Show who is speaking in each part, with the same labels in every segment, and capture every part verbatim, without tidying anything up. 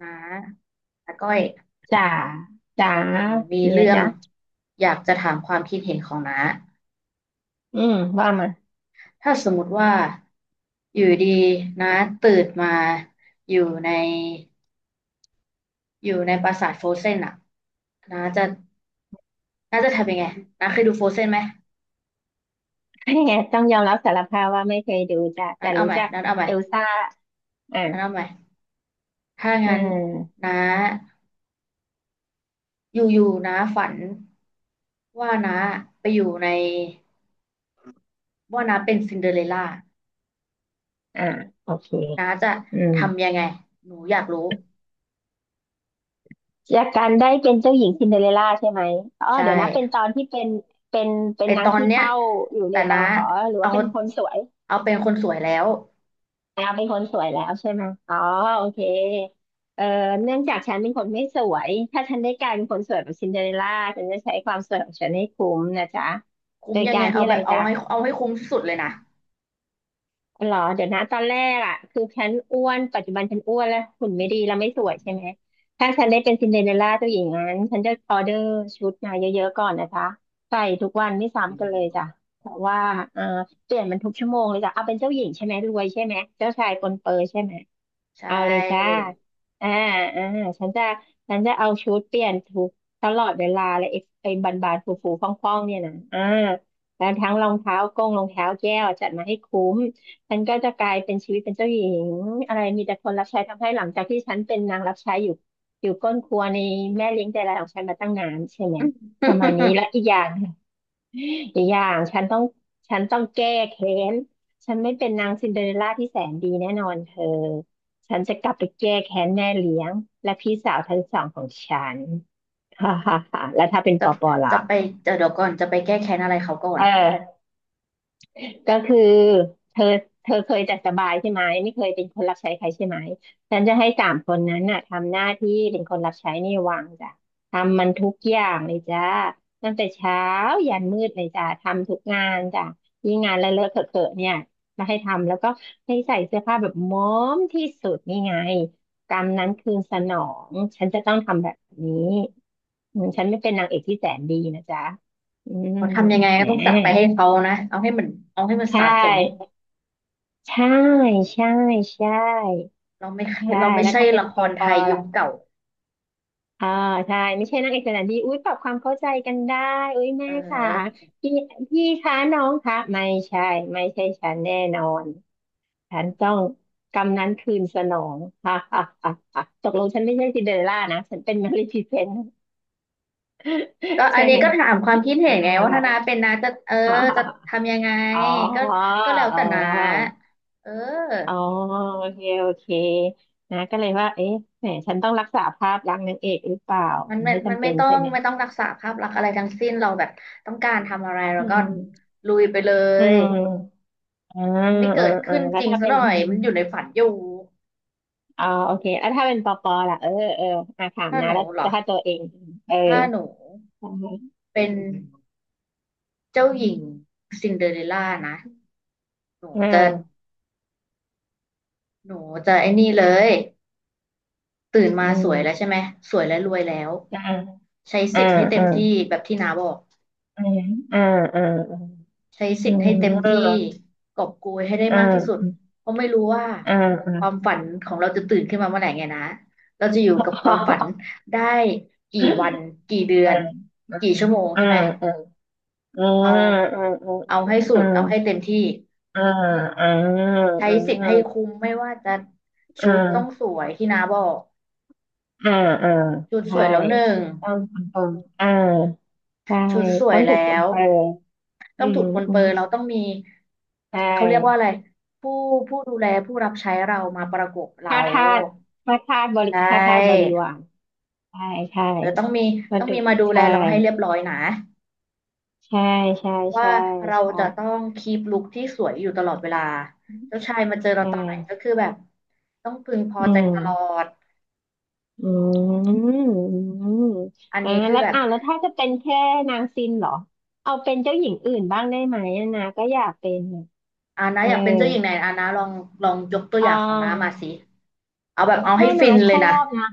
Speaker 1: น้าน้าก้อย
Speaker 2: จ๋าจ๋า
Speaker 1: หนูมี
Speaker 2: มีอะไร
Speaker 1: เรื่อง
Speaker 2: จ๊ะ
Speaker 1: อยากจะถามความคิดเห็นของน้า
Speaker 2: อืมว่ามา
Speaker 1: ถ้าสมมติว่าอยู่ดีน้าตื่นมาอยู่ในอยู่ในปราสาทโฟรเซนอะน้าจะน้าจะทำยังไงน้าเคยดูโฟรเซนไหม
Speaker 2: ต้องยอมรับสารภาพว่าไม่เคยดูจ้ะแต่
Speaker 1: น้าเอา
Speaker 2: รู้
Speaker 1: ใหม่
Speaker 2: จัก
Speaker 1: น้าเอาใหม่
Speaker 2: เอลซ่าอ่า
Speaker 1: น้าเอาใหม่ถ้า
Speaker 2: อื
Speaker 1: งั้น
Speaker 2: ม
Speaker 1: น้าอยู่ๆน้าฝันว่าน้าไปอยู่ในว่าน้าเป็นซินเดอเรลล่า
Speaker 2: อ่าโอเค
Speaker 1: น้าจะ
Speaker 2: อืม
Speaker 1: ทำยังไงหนูอยากรู้
Speaker 2: จากการได้เป็นเจ้าหญิงซินเดอเรลล่าใช่ไหมอ๋อ
Speaker 1: ใช
Speaker 2: เดี๋ยวนะเป็น
Speaker 1: ่
Speaker 2: ตอนที่เป็นเป็นเป็
Speaker 1: ไอ
Speaker 2: นนา
Speaker 1: ต
Speaker 2: ง
Speaker 1: อน
Speaker 2: ขี้
Speaker 1: เนี้ย
Speaker 2: เถ้าอยู่ใน
Speaker 1: แต่นะ
Speaker 2: เตาอ๋อหรือ
Speaker 1: เอา
Speaker 2: ว่าเป็นคนสวย
Speaker 1: เอาเป็นคนสวยแล้ว
Speaker 2: แล้วเป็นคนสวยแล้วใช่ไหมอ๋อโอเคเอ่อเนื่องจากฉันเป็นคนไม่สวยถ้าฉันได้กลายเป็นคนสวยแบบซินเดอเรลล่าฉันจะใช้ความสวยของฉันให้คุ้มนะจ๊ะ
Speaker 1: คุ้
Speaker 2: โด
Speaker 1: ม
Speaker 2: ย
Speaker 1: ยัง
Speaker 2: กา
Speaker 1: ไง
Speaker 2: รที่
Speaker 1: เอา
Speaker 2: อะ
Speaker 1: แบ
Speaker 2: ไร
Speaker 1: บเอา
Speaker 2: จ๊ะ
Speaker 1: ให้เอาให้คุ้มที่สุดเลยนะ
Speaker 2: หรอเดี๋ยวนะตอนแรกอ่ะคือฉันอ้วนปัจจุบันฉันอ้วนแล้วหุ่นไม่ดีแล้วไม่สวยใช่ไหมถ้าฉันได้เป็นซินเดอเรลล่าตัวหญิงนั้นฉันจะออเดอร์ชุดมาเยอะๆก่อนนะจ๊ะใส่ทุกวันไม่ซ้ำกันเลยจ้ะแต่ว่าเอ่อเปลี่ยนมันทุกชั่วโมงเลยจ้ะเอาเป็นเจ้าหญิงใช่ไหมรวยใช่ไหมเจ้าชายปนเปอใช่ไหม
Speaker 1: ใช่
Speaker 2: เอาเลยจ้าอ่าอ่าฉันจะฉันจะเอาชุดเปลี่ยนทุกตลอดเวลาเลยไอ้ไอ้บานบานฟูฟูฟ่องฟ่องๆเนี่ยนะอ่าแล้วทั้งรองเท้ากงรองเท้าแก้วจัดมาให้คุ้ม ฉันก็จะกลายเป็นชีวิตเป็นเจ้าหญิงอะไรมีแต่คนรับใช้ทำให้หลังจากที่ฉันเป็นนางรับใช้อยู่อยู่ก้นครัวในแม่เลี้ยงใจร้ายของฉันมาตั้งนานใช่ไหม ประมาณนี้ และอีกอย่าง อีกอย่างฉันต้องฉันต้องแก้แค้นฉันไม่เป็นนางซินเดอเรลล่าที่แสนดีแน่นอนเธอฉันจะกลับไปแก้แค้นแม่เลี้ยงและพี่สาวทั้งสองของฉัน ฮ่าฮ่าฮ่าแล้วถ้าเป็นป
Speaker 1: จะ
Speaker 2: อปอล่ะ
Speaker 1: จะไปจะเดี๋ยวก่อนจะไปแก้แค้นอะไรเขาก่อ
Speaker 2: เ
Speaker 1: น
Speaker 2: ออ ก็คือเธอเธอเคยจัดสบายใช่ไหมไม่เคยเป็นคนรับใช้ใครใช่ไหมฉันจะให้สามคนนั้นน่ะทำหน้าที่เป็นคนรับใช้ในวังจ้ะทำมันทุกอย่างเลยจ้าตั้งแต่เช้ายันมืดเลยจ้ะทำทุกงานจ้ะยิ่งงานเลอะเลอะเขอะเขอะเนี่ยมาให้ทำแล้วก็ให้ใส่เสื้อผ้าแบบม้อมที่สุดนี่ไงกรรมนั้นคืนสนองฉันจะต้องทำแบบนี้อืมฉันไม่เป็นนางเอกที่แสนดีนะจ๊ะอืม
Speaker 1: เขาทำยังไง
Speaker 2: แห
Speaker 1: ก็ต้องจัดไปให้
Speaker 2: ม
Speaker 1: เขานะเอาให้มันเอาให้มัน
Speaker 2: ใช
Speaker 1: สะสม
Speaker 2: ่ ใช่ใช่ใช่
Speaker 1: เราไม่
Speaker 2: ใช่
Speaker 1: เราไม่
Speaker 2: แล้ว
Speaker 1: ใช่
Speaker 2: ถ้าเป็น
Speaker 1: ละค
Speaker 2: ปอ
Speaker 1: ร
Speaker 2: ป
Speaker 1: ไท
Speaker 2: อ
Speaker 1: ยยุค
Speaker 2: ล่ะ
Speaker 1: เก่า
Speaker 2: อ่าใช่ไม่ใช่นักเอกสถารดีอุ้ยปรับความเข้าใจกันได้อุ้ย
Speaker 1: เ
Speaker 2: แม่ค่ะ
Speaker 1: ออ
Speaker 2: พี่พี่คะน้องคะไม่ใช่ไม่ใช่ฉันแน่นอนฉันต้องกำนั้นคืนสนองฮ่าฮ่าฮ่าฮ่าตกลงฉันไม่ใช่ซินเดอเรลล่านะฉันเป็นมาริฟีเซนต์
Speaker 1: ก็อั
Speaker 2: ใช่
Speaker 1: นนี้
Speaker 2: ไหม
Speaker 1: ก็ถามความคิดเห็นไง
Speaker 2: นางร้า
Speaker 1: ว่าถ้า
Speaker 2: ย
Speaker 1: น้าเป็นน้าจะเออ
Speaker 2: ฮ่าฮ่า
Speaker 1: จะ
Speaker 2: ฮ่า
Speaker 1: ทำยังไง
Speaker 2: อ๋อ
Speaker 1: ก็ก็แล้ว
Speaker 2: อ๋
Speaker 1: แต่น้า
Speaker 2: อ
Speaker 1: เออ
Speaker 2: อ๋อโอเคโอเคนะก็เลยว่าเอ๊ะแหมฉันต้องรักษาภาพลักษณ์นางเอกหรือเปล่า
Speaker 1: มันไม่
Speaker 2: ไม่
Speaker 1: มัน
Speaker 2: จำ
Speaker 1: ไม่
Speaker 2: เป็น
Speaker 1: ต้อ
Speaker 2: ใช่
Speaker 1: ง
Speaker 2: ไหม
Speaker 1: ไม่ต้องรักษาภาพลักษณ์อะไรทั้งสิ้นเราแบบต้องการทำอะไรเรา
Speaker 2: อื
Speaker 1: ก็
Speaker 2: ม
Speaker 1: ลุยไปเล
Speaker 2: อื
Speaker 1: ย
Speaker 2: มอ่า
Speaker 1: ยังไม่
Speaker 2: อ่า
Speaker 1: เกิด
Speaker 2: อ่า
Speaker 1: ขึ้น
Speaker 2: แล้
Speaker 1: จ
Speaker 2: ว
Speaker 1: ริง
Speaker 2: ถ้า
Speaker 1: ซะ
Speaker 2: เป็
Speaker 1: ห
Speaker 2: น
Speaker 1: น่อยมันอยู่ในฝันอยู่
Speaker 2: อ๋อโอเคแล้วถ้าเป็นปอปอล่ะเออเอออ่าถาม
Speaker 1: ถ้าห
Speaker 2: นะ
Speaker 1: นู
Speaker 2: แล้ว
Speaker 1: เหรอ
Speaker 2: ถ้าตัวเองเออ
Speaker 1: ถ้าหนู
Speaker 2: อ่า
Speaker 1: เป็นเจ้าหญิงซินเดอเรลล่านะหนู
Speaker 2: อ่
Speaker 1: จะ
Speaker 2: า
Speaker 1: หนูจะไอ้นี่เลยตื่นมา
Speaker 2: อื
Speaker 1: สวยแล้วใช่
Speaker 2: ม
Speaker 1: ไหมสวยและรวยแล้ว
Speaker 2: อ่า
Speaker 1: ใช้
Speaker 2: อ่า
Speaker 1: สิทธิ์ให้เต็ม
Speaker 2: อ่า
Speaker 1: ที่แบบที่น้าบอก
Speaker 2: อ่าอ่าอ่า
Speaker 1: ใช้สิ
Speaker 2: อื
Speaker 1: ทธิ์ให้เต็
Speaker 2: ม
Speaker 1: มที่
Speaker 2: อ
Speaker 1: กอบโกย
Speaker 2: ่า
Speaker 1: ให้ได้
Speaker 2: อ่า
Speaker 1: มากที่สุดเพราะไม่รู้ว่า
Speaker 2: อ่าอ่า
Speaker 1: ความฝันของเราจะตื่นขึ้นมาเมื่อไหร่ไงนะเราจะอยู่
Speaker 2: อ
Speaker 1: กับความฝันได้กี่วันกี่เดือน
Speaker 2: ่า
Speaker 1: กี่ชั่วโมง
Speaker 2: อ่า
Speaker 1: ใช่ไหม
Speaker 2: อ่าอ่า
Speaker 1: เอา
Speaker 2: อ่า
Speaker 1: เอาให้สุ
Speaker 2: อ่า
Speaker 1: ดเอาให้เต็มที่
Speaker 2: อ่าอ่า
Speaker 1: ใช้สิทธิ์ให้คุ้มไม่ว่าจะ
Speaker 2: อ่
Speaker 1: ชุดต้อง
Speaker 2: า
Speaker 1: สวยที่น้าบอก
Speaker 2: อ่าอ่า
Speaker 1: ชุด
Speaker 2: อ่า
Speaker 1: ส
Speaker 2: ใช่
Speaker 1: วยแล้วหนึ่ง
Speaker 2: ต้องถูกต้องอ่าใช่
Speaker 1: ชุดสว
Speaker 2: ต้
Speaker 1: ย
Speaker 2: องถู
Speaker 1: แล้
Speaker 2: กต้อง
Speaker 1: ว
Speaker 2: ไปอื
Speaker 1: ต้องถู
Speaker 2: ม
Speaker 1: กปรน
Speaker 2: อื
Speaker 1: เปื้
Speaker 2: ม
Speaker 1: อนเราต้องมี
Speaker 2: ใช่
Speaker 1: เขาเรียกว่าอะไรผู้ผู้ดูแลผู้รับใช้เรามาประกบเรา
Speaker 2: ค่าทาสค่าทาสบริ
Speaker 1: ใช
Speaker 2: ค่าทาสบริ
Speaker 1: ่
Speaker 2: วารใช่ใช่
Speaker 1: เออต้องมี
Speaker 2: ป
Speaker 1: ต้
Speaker 2: ระ
Speaker 1: อง
Speaker 2: ดุ
Speaker 1: มี
Speaker 2: ษ
Speaker 1: มาดูแล
Speaker 2: ใช่
Speaker 1: เราให้เรียบร้อยนะ
Speaker 2: ใช่ใช่
Speaker 1: เพราะว่า
Speaker 2: ใช่
Speaker 1: เรา
Speaker 2: ใช่
Speaker 1: จะต้องคีปลุคที่สวยอยู่ตลอดเวลาเจ้าชายมาเจอเรา
Speaker 2: ใช่
Speaker 1: ตอนไหนก็คือแบบต้องพึงพอ
Speaker 2: อื
Speaker 1: ใจตลอ
Speaker 2: ม
Speaker 1: ด
Speaker 2: อืมอืม
Speaker 1: อัน
Speaker 2: อ่า
Speaker 1: นี้คือ
Speaker 2: แล้ว
Speaker 1: แบบ
Speaker 2: อ่าแล้วถ้าจะเป็นแค่นางซินเหรอเอาเป็นเจ้าหญิงอื่นบ้างได้ไหมอะนะก็อยากเป็นอะ
Speaker 1: อานะ
Speaker 2: เออ
Speaker 1: อยากเป็นเจ้าหญิงไหนอานะลองลองยกตัวอ
Speaker 2: อ่
Speaker 1: ย่างของน้ามา
Speaker 2: า
Speaker 1: สิเอาแบบเอาให้
Speaker 2: ถ้า
Speaker 1: ฟิ
Speaker 2: นา
Speaker 1: น
Speaker 2: ช
Speaker 1: เลย
Speaker 2: อ
Speaker 1: นะ
Speaker 2: บนะ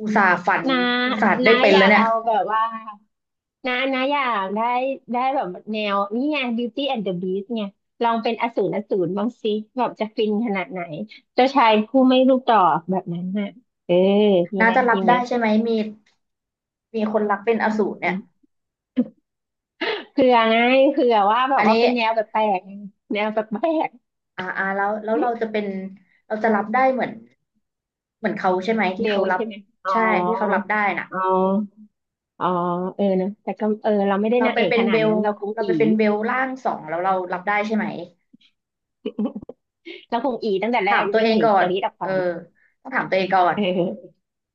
Speaker 1: อุตส่าห์ฝัน
Speaker 2: นา
Speaker 1: อุตส่าห์ได้
Speaker 2: นา
Speaker 1: เป็น
Speaker 2: อ
Speaker 1: แล้
Speaker 2: ยา
Speaker 1: ว
Speaker 2: ก
Speaker 1: เนี่ย
Speaker 2: เอาแบบว่านานาอยากได้ได้แบบแนวนี่ไง Beauty and the Beast ไงลองเป็นอสูรอสูรบ้างสิแบบจะฟินขนาดไหนเจ้าชายผู้ไม่รูปดอกแบบนั้นน่ะเออดี
Speaker 1: น้า
Speaker 2: ไหม
Speaker 1: จะรั
Speaker 2: ดี
Speaker 1: บ
Speaker 2: ไหม
Speaker 1: ได้ใช่ไหมมีมีคนรักเป็นอสูรเนี่ย
Speaker 2: เผื่อไงเผื่อว่าแบ
Speaker 1: อั
Speaker 2: บ
Speaker 1: น
Speaker 2: ว่า
Speaker 1: นี้
Speaker 2: เป็นแนวแปลกๆแนวแปลก
Speaker 1: อ่าอ่าแล้วแล้วเราจะเป็นเราจะรับได้เหมือนเหมือนเขาใช่ไหม
Speaker 2: ๆ
Speaker 1: ที่
Speaker 2: เบ
Speaker 1: เขา
Speaker 2: ล
Speaker 1: รับ
Speaker 2: ใช่ไหมอ๋อ
Speaker 1: ใช่ที่เขารับได้น่ะ
Speaker 2: อ๋ออ๋อเออนะแต่ก็เออเราไม่ได้
Speaker 1: เรา
Speaker 2: นาง
Speaker 1: ไป
Speaker 2: เอก
Speaker 1: เป็
Speaker 2: ข
Speaker 1: น
Speaker 2: นา
Speaker 1: เบ
Speaker 2: ด
Speaker 1: ล
Speaker 2: นั้นเราคง
Speaker 1: เรา
Speaker 2: อี
Speaker 1: ไปเป็นเบลล่างสองแล้วเรารับได้ใช่ไหม
Speaker 2: เราคงอีตั้งแต่แร
Speaker 1: ถาม
Speaker 2: ก
Speaker 1: ตัว
Speaker 2: วิ่
Speaker 1: เอ
Speaker 2: ง
Speaker 1: ง
Speaker 2: หนี
Speaker 1: ก่อ
Speaker 2: ก
Speaker 1: น
Speaker 2: รี๊ดออก
Speaker 1: เอ
Speaker 2: ไป
Speaker 1: อต้องถามตัวเองก่อน
Speaker 2: เออ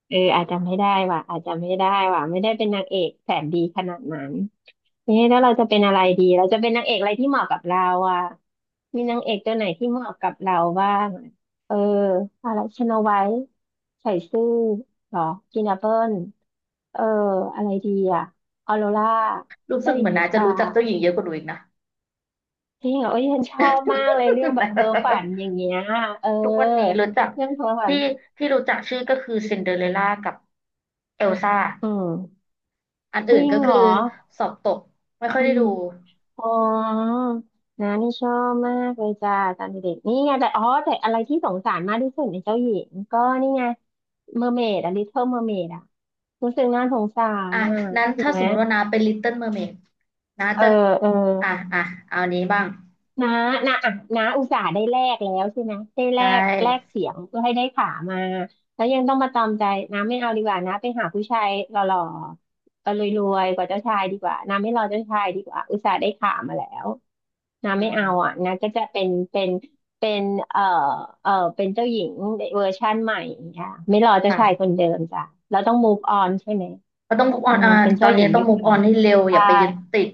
Speaker 2: เอออาจจะไม่ได้ว่ะอาจจะไม่ได้ว่ะไม่ได้เป็นนางเอกแสนดีขนาดนั้น นี่แล้วเราจะเป็นอะไรดีเราจะเป็นนางเอกอะไรที่เหมาะกับเราอ่ะมีนางเอกตัวไหนที่เหมาะกับเราบ้างอะเอออะไรชโนไวท์ใส่ซื่อหรอกินแอปเปิลเอออะไรดีอ่ะออโรรา
Speaker 1: รู้สึ
Speaker 2: เจ้า
Speaker 1: ก
Speaker 2: ห
Speaker 1: เห
Speaker 2: ญิ
Speaker 1: มื
Speaker 2: ง
Speaker 1: อน
Speaker 2: นิ
Speaker 1: นะ
Speaker 2: ท
Speaker 1: จะ
Speaker 2: รา
Speaker 1: รู้จักเจ้าหญิงเยอะกว่าหนูอีกนะ
Speaker 2: จริงเหรอโอ้ยฉันชอบมากเลยเรื่องแบบเพ้อฝัน อย่างเงี้ยเออ
Speaker 1: ทุกวันนี้รู้จัก
Speaker 2: เรื่องเพ้อฝัน
Speaker 1: ที่ที่รู้จักชื่อก็คือซินเดอเรลล่ากับเอลซ่า
Speaker 2: อืม
Speaker 1: อัน
Speaker 2: จ
Speaker 1: อื่น
Speaker 2: ริง
Speaker 1: ก็
Speaker 2: เห
Speaker 1: คื
Speaker 2: ร
Speaker 1: อ
Speaker 2: อ
Speaker 1: สอบตกไม่ค่อย
Speaker 2: อื
Speaker 1: ได้
Speaker 2: ม
Speaker 1: ดู
Speaker 2: อ๋อนานี่ชอบมากเลยจ้าตอนเด็กๆนี่ไงแต่อ๋อแต่อะไรที่สงสารมากที่สุดในเจ้าหญิงก็นี่ไงเมอร์เมดอะลิ t เ l ิ m ลเมอร์เมดอะรู้สึกน่าสงสาร
Speaker 1: อ่ะ
Speaker 2: อ่ะ
Speaker 1: นั้น
Speaker 2: ถูก
Speaker 1: ถ้าส
Speaker 2: ไหม
Speaker 1: มมติว่านาเป็นลิตเติ้ลเมอร์เมดนา
Speaker 2: เออ
Speaker 1: จะ
Speaker 2: เออ
Speaker 1: อ่ะอ่ะเอานี้บ้าง
Speaker 2: น้าน้าอ่ะน้าอุตส่าห์ได้แลกแล้วใช่ไหมได้
Speaker 1: ใช
Speaker 2: แลกแลก
Speaker 1: ่
Speaker 2: เสียงเพื่อให้ได้ขามาแล้วยังต้องมาตอมใจน้าไม่เอาดีกว่าน้าไปหาผู้ชายหล่อๆก็รวยๆกว่าเจ้าชายดีกว่าน้าไม่รอเจ้าชายดีกว่าอุตส่าห์ได้ขามาแล้วน้า
Speaker 1: อื
Speaker 2: ไม่เอา
Speaker 1: ม
Speaker 2: อ่ะน้าก็จะเป็นเป็นเป็นเอ่อเอ่อเป็นเจ้าหญิงเวอร์ชั่นใหม่ค่ะไม่รอเจ้าชายค
Speaker 1: ค่ะ
Speaker 2: นเดิมจ้ะเราต้อง move on ใช่ไหม
Speaker 1: ก็ต้อง move
Speaker 2: อื
Speaker 1: on
Speaker 2: ม
Speaker 1: อ่า
Speaker 2: เป็น
Speaker 1: ตอ
Speaker 2: เจ้า
Speaker 1: น
Speaker 2: หญิ
Speaker 1: นี้
Speaker 2: ง
Speaker 1: ต้อ
Speaker 2: ยุ
Speaker 1: ง
Speaker 2: คให
Speaker 1: move
Speaker 2: ม่
Speaker 1: on ให้เร็วอ
Speaker 2: ใช่
Speaker 1: ย่าไปยึดติด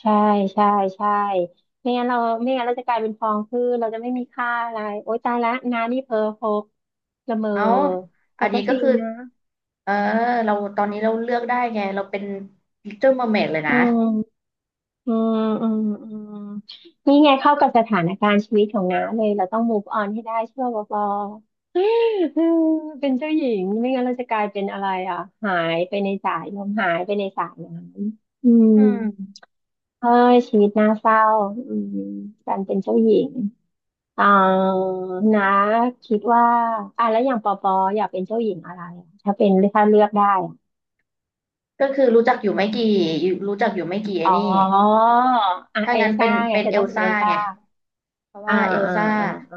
Speaker 2: ใช่ใช่ใช่ไม่งั้นเราไม่งั้นเราจะกลายเป็นฟองคือเราจะไม่มีค่าอะไรโอ๊ยตายละนานี่เพอร์พกละเมอ
Speaker 1: เอา
Speaker 2: แต่
Speaker 1: อัน
Speaker 2: ก็
Speaker 1: นี้
Speaker 2: จ
Speaker 1: ก็
Speaker 2: ริง
Speaker 1: คือ
Speaker 2: นะ
Speaker 1: เออเราตอนนี้เราเลือกได้ไง เราเป็น Little Mermaid เลย
Speaker 2: อื
Speaker 1: นะ
Speaker 2: มอืมอืมอืมนี่ไงเข้ากับสถานการณ์ชีวิตของน้าเลยเราต้อง move on ให้ได้เชื่อวอปออืมเป็นเจ้าหญิงไม่งั้นเราจะกลายเป็นอะไรอ่ะหายไปในสายลมหายไปในสายน้ำอืม
Speaker 1: อืม
Speaker 2: เอ้ยชีวิตน่าเศร้าอืมการเป็นเจ้าหญิง อ๋อนะคิดว่าอ่ะแล้วอย่างปอปออยากเป็นเจ้าหญิงอะไรอะถ้าเป็นถ้าเลือกได้อะ
Speaker 1: ก็คือรู้จักอยู่ไม่กี่อยู่รู้จักอยู่ไม่กี่ไอ้
Speaker 2: อ๋อ
Speaker 1: นี่
Speaker 2: อ่ะ
Speaker 1: ถ้า
Speaker 2: เอ
Speaker 1: งั้
Speaker 2: ล
Speaker 1: นเป็
Speaker 2: ซ่า
Speaker 1: น
Speaker 2: ไง
Speaker 1: เป็น
Speaker 2: เธอ
Speaker 1: เอ
Speaker 2: ต้อ
Speaker 1: ล
Speaker 2: งเป็นเอ
Speaker 1: ซ่า
Speaker 2: ลซ่า
Speaker 1: ไง เพราะ
Speaker 2: อ่า
Speaker 1: ว่าเอล
Speaker 2: อ่า
Speaker 1: ซ่า
Speaker 2: อ่าอ่า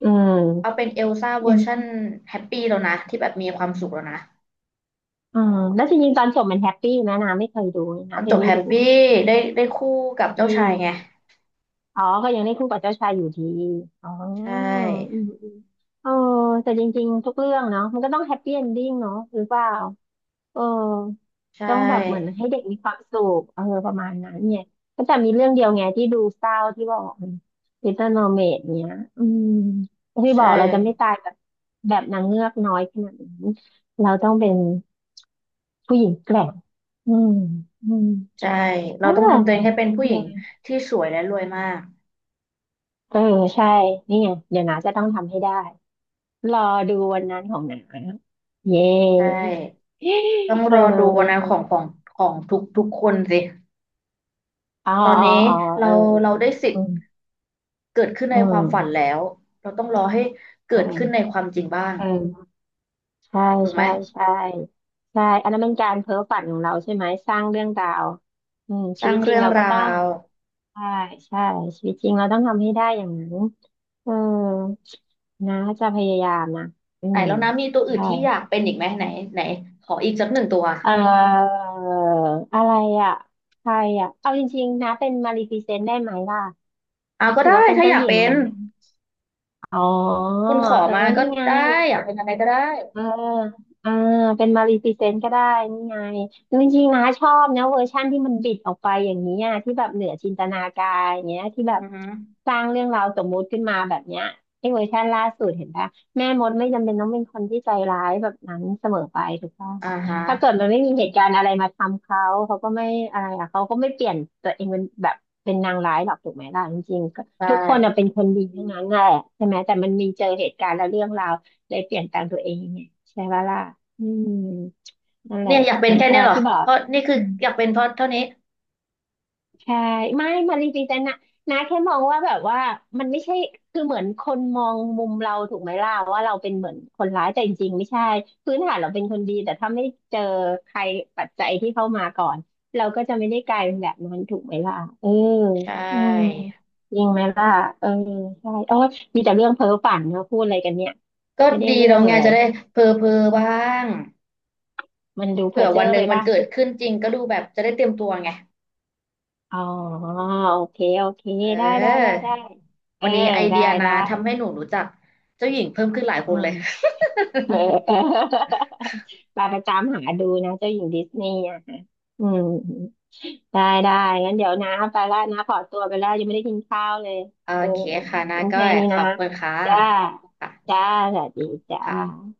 Speaker 2: อืม
Speaker 1: เอาเป็นเอลซ่าเว
Speaker 2: อื
Speaker 1: อร์ชัน
Speaker 2: ม
Speaker 1: แฮปปี้แล้วนะ ที่แบบมีความสุขแล้วนะ
Speaker 2: อืมแล้วจริงๆตอนจบมันแฮปปี้ไหมนะไม่เคยดูเลย
Speaker 1: ต
Speaker 2: นะ
Speaker 1: อน
Speaker 2: เธ
Speaker 1: จ
Speaker 2: อ
Speaker 1: บ
Speaker 2: ไม่
Speaker 1: แฮป
Speaker 2: รู้
Speaker 1: ปี้ได้ได้คู่กับ
Speaker 2: ด
Speaker 1: เจ้าชายไง
Speaker 2: ีอ๋อก็ยังได้คู่กับเจ้าชายอยู่ดีอ๋อ
Speaker 1: ใช่
Speaker 2: อืมอืมเออแต่จริงๆทุกเรื่องเนาะมันก็ต้องแฮปปี้เอนดิ้งเนาะหรือเปล่า เออ
Speaker 1: ใช
Speaker 2: ต้องแบบเหมือน
Speaker 1: ่
Speaker 2: ให้เด็กมีความสุขเออประมาณนั้นเนี่ยก็แต่มีเรื่องเดียวไงที่ดูเศร้าที่บอกลิตเติ้ลโมอร์เมดเนี้ยอืมที่บ
Speaker 1: ใช่
Speaker 2: อกเราจะไม่ตายแบบแบบนางเงือกน้อยขนาดนั้นเราต้องเป็นผู้หญิงแกร่งอืมอืม
Speaker 1: ใช่
Speaker 2: เอ
Speaker 1: เรา
Speaker 2: อ
Speaker 1: ต้องทำตัวเองให้เป็น
Speaker 2: เอ
Speaker 1: ผู้หญิง
Speaker 2: อ
Speaker 1: ที่สวยและรวยมาก
Speaker 2: เออใช่นี่ไงเดี๋ยวนาจะต้องทำให้ได้รอดูวันนั้นของหนาเย้
Speaker 1: ใช่ต้อง
Speaker 2: เอ
Speaker 1: ร
Speaker 2: อ
Speaker 1: อดู
Speaker 2: เออ
Speaker 1: วันนั้นของของของทุกทุกคนสิ
Speaker 2: อ๋อ
Speaker 1: ตอน
Speaker 2: อ๋อ
Speaker 1: นี้
Speaker 2: อ๋อเออ
Speaker 1: เรา
Speaker 2: เออ
Speaker 1: เรา
Speaker 2: เออ
Speaker 1: ได้สิท
Speaker 2: อื
Speaker 1: ธิ์
Speaker 2: ม
Speaker 1: เกิดขึ้น
Speaker 2: อื
Speaker 1: ในความฝัน
Speaker 2: ม
Speaker 1: แล้วเราต้องรอให้
Speaker 2: เอ
Speaker 1: เกิดขึ้นใน
Speaker 2: อ
Speaker 1: ความจริงบ้าง
Speaker 2: เออใช่
Speaker 1: ถูกไหม
Speaker 2: ใช่ใช่ใช่อันนั้นเป็นการเพ้อฝันของเราใช่ไหมสร้างเรื่องราวอืม
Speaker 1: ส
Speaker 2: ชี
Speaker 1: ร้า
Speaker 2: วิ
Speaker 1: ง
Speaker 2: ตจริ
Speaker 1: เรื่
Speaker 2: ง
Speaker 1: อง
Speaker 2: เราก็
Speaker 1: รา
Speaker 2: ต้อง
Speaker 1: ว
Speaker 2: ใช่ใช่ชีวิตจริงเราต้องทำให้ได้อย่างนั้นเออนะจะพยายามนะอื
Speaker 1: ไหน
Speaker 2: ม
Speaker 1: แล้วนะมีตัวอื่น
Speaker 2: ใช่
Speaker 1: ที่อยากเป็นอีกไหมไหนไหนขออีกสักหนึ่งตัว
Speaker 2: เอ่ออะไรอ่ะใครอ่ะเอาจริงๆนะเป็นมาลีฟิเซนต์ได้ไหมล่ะ
Speaker 1: เอาก็
Speaker 2: ถือ
Speaker 1: ได้
Speaker 2: ว่าเป็น
Speaker 1: ถ้า
Speaker 2: เจ้า
Speaker 1: อยาก
Speaker 2: หญิง
Speaker 1: เป็
Speaker 2: ไหม
Speaker 1: น
Speaker 2: อ๋อ
Speaker 1: คุณขอ
Speaker 2: เออ
Speaker 1: มาก็
Speaker 2: นี่ไง
Speaker 1: ได้ อยากเป็นอะไรก็ได้
Speaker 2: เอออ่าเป็นมารีพรีเซนต์ก็ได้นี่ไงจริงๆนะชอบนะเวอร์ชั่นที่มันบิดออกไปอย่างนี้อะที่แบบเหนือจินตนาการอย่างเงี้ยที่แบ
Speaker 1: อื
Speaker 2: บ
Speaker 1: อฮึ
Speaker 2: สร้างเรื่องราวสมมุติขึ้นมาแบบเนี้ยไอ้เวอร์ชันล่าสุดเห็นปะแม่มดไม่จำเป็นต้องเป็นคนที่ใจร้ายแบบนั้นเสมอไปถูกต้อง
Speaker 1: อ่า
Speaker 2: ค่ะ
Speaker 1: ฮะ
Speaker 2: ถ้าเกิดมันไม่มีเหตุการณ์อะไรมาทำเขาเขาก็ไม่อะไรอ่ะเขาก็ไม่เปลี่ยนตัวเองเป็นแบบเป็นนางร้ายหรอกถูกไหมล่ะจริงๆก็
Speaker 1: ได
Speaker 2: ทุกคนอะ
Speaker 1: ้
Speaker 2: เป็นคนดีทั้งนั้นแหละใช่ไหมแต่มันมีเจอเหตุการณ์และเรื่องราว เลยเปลี่ยนแปลงตัวเองไงใช่ปะล่ะอืมนั่นแหละ
Speaker 1: เนี่ยอยากเป็น
Speaker 2: นะ
Speaker 1: แค่
Speaker 2: ก็
Speaker 1: เนี้ยเหรอ
Speaker 2: ที่บอ
Speaker 1: เพ
Speaker 2: ก
Speaker 1: ราะนี่คือ
Speaker 2: อืม
Speaker 1: อยากเป็นเพราะเท่านี้
Speaker 2: ใช่ไม่มาจริงๆแต่นะนะแค่มองว่าแบบว่ามันไม่ใช่คือเหมือนคนมองมุมเราถูกไหมล่ะว่าเราเป็นเหมือนคนร้ายแต่จริงๆไม่ใช่พื้นฐานเราเป็นคนดีแต่ถ้าไม่เจอใครปัจจัยที่เข้ามาก่อนเราก็จะไม่ได้กลายเป็นแบบนั้นถูกไหมล่ะเออ
Speaker 1: ใช
Speaker 2: อืม
Speaker 1: ่
Speaker 2: จริงไหมล่ะเออใช่โอ้ยมีแต่เรื่องเพ้อฝันเนอะพูดอะไรกันเนี่ย
Speaker 1: ก็
Speaker 2: ไม่ได้
Speaker 1: ดี
Speaker 2: เรื่อ
Speaker 1: เลา
Speaker 2: ง
Speaker 1: ไง
Speaker 2: เล
Speaker 1: จะ
Speaker 2: ย
Speaker 1: ได้เพอเพอบ้าง
Speaker 2: มันดูเพ้
Speaker 1: เผื่
Speaker 2: อ
Speaker 1: อ
Speaker 2: เจ้
Speaker 1: วัน
Speaker 2: อ
Speaker 1: ห
Speaker 2: ไป
Speaker 1: นึ่งมัน
Speaker 2: ป่ะ
Speaker 1: เกิดขึ้นจริงก็ดูแบบจะได้เตรียมตัวไง
Speaker 2: อ๋อโอเคโอเค
Speaker 1: เ
Speaker 2: ได้ได้ได้
Speaker 1: ออ
Speaker 2: ได้เอ
Speaker 1: วั
Speaker 2: อ
Speaker 1: นนี้ไอ
Speaker 2: ได้
Speaker 1: เดียนะ
Speaker 2: ได้
Speaker 1: ทำให้หนูรู้จักเจ้าหญิงเพิ่มขึ้นหลายค
Speaker 2: อื
Speaker 1: นเล
Speaker 2: ม
Speaker 1: ย
Speaker 2: เออ เออไปไประจำหาดูนะเจ้าหญิงดิสนีย์อะค่ะอืมได้ได้งั้นเดี๋ยวนะไปแล้วนะขอตัวไปแล้วยังไม่ได้กินข้าวเลย
Speaker 1: โอ
Speaker 2: เออ
Speaker 1: เค
Speaker 2: เอ
Speaker 1: ค่ะนา
Speaker 2: องั้น
Speaker 1: ก้อ
Speaker 2: แค่
Speaker 1: ย
Speaker 2: นี้
Speaker 1: ขอ
Speaker 2: นะ
Speaker 1: บคุณค่ะ
Speaker 2: จ้า
Speaker 1: ค่ะ
Speaker 2: จ้าสวัสดีจ้า
Speaker 1: ค่ะ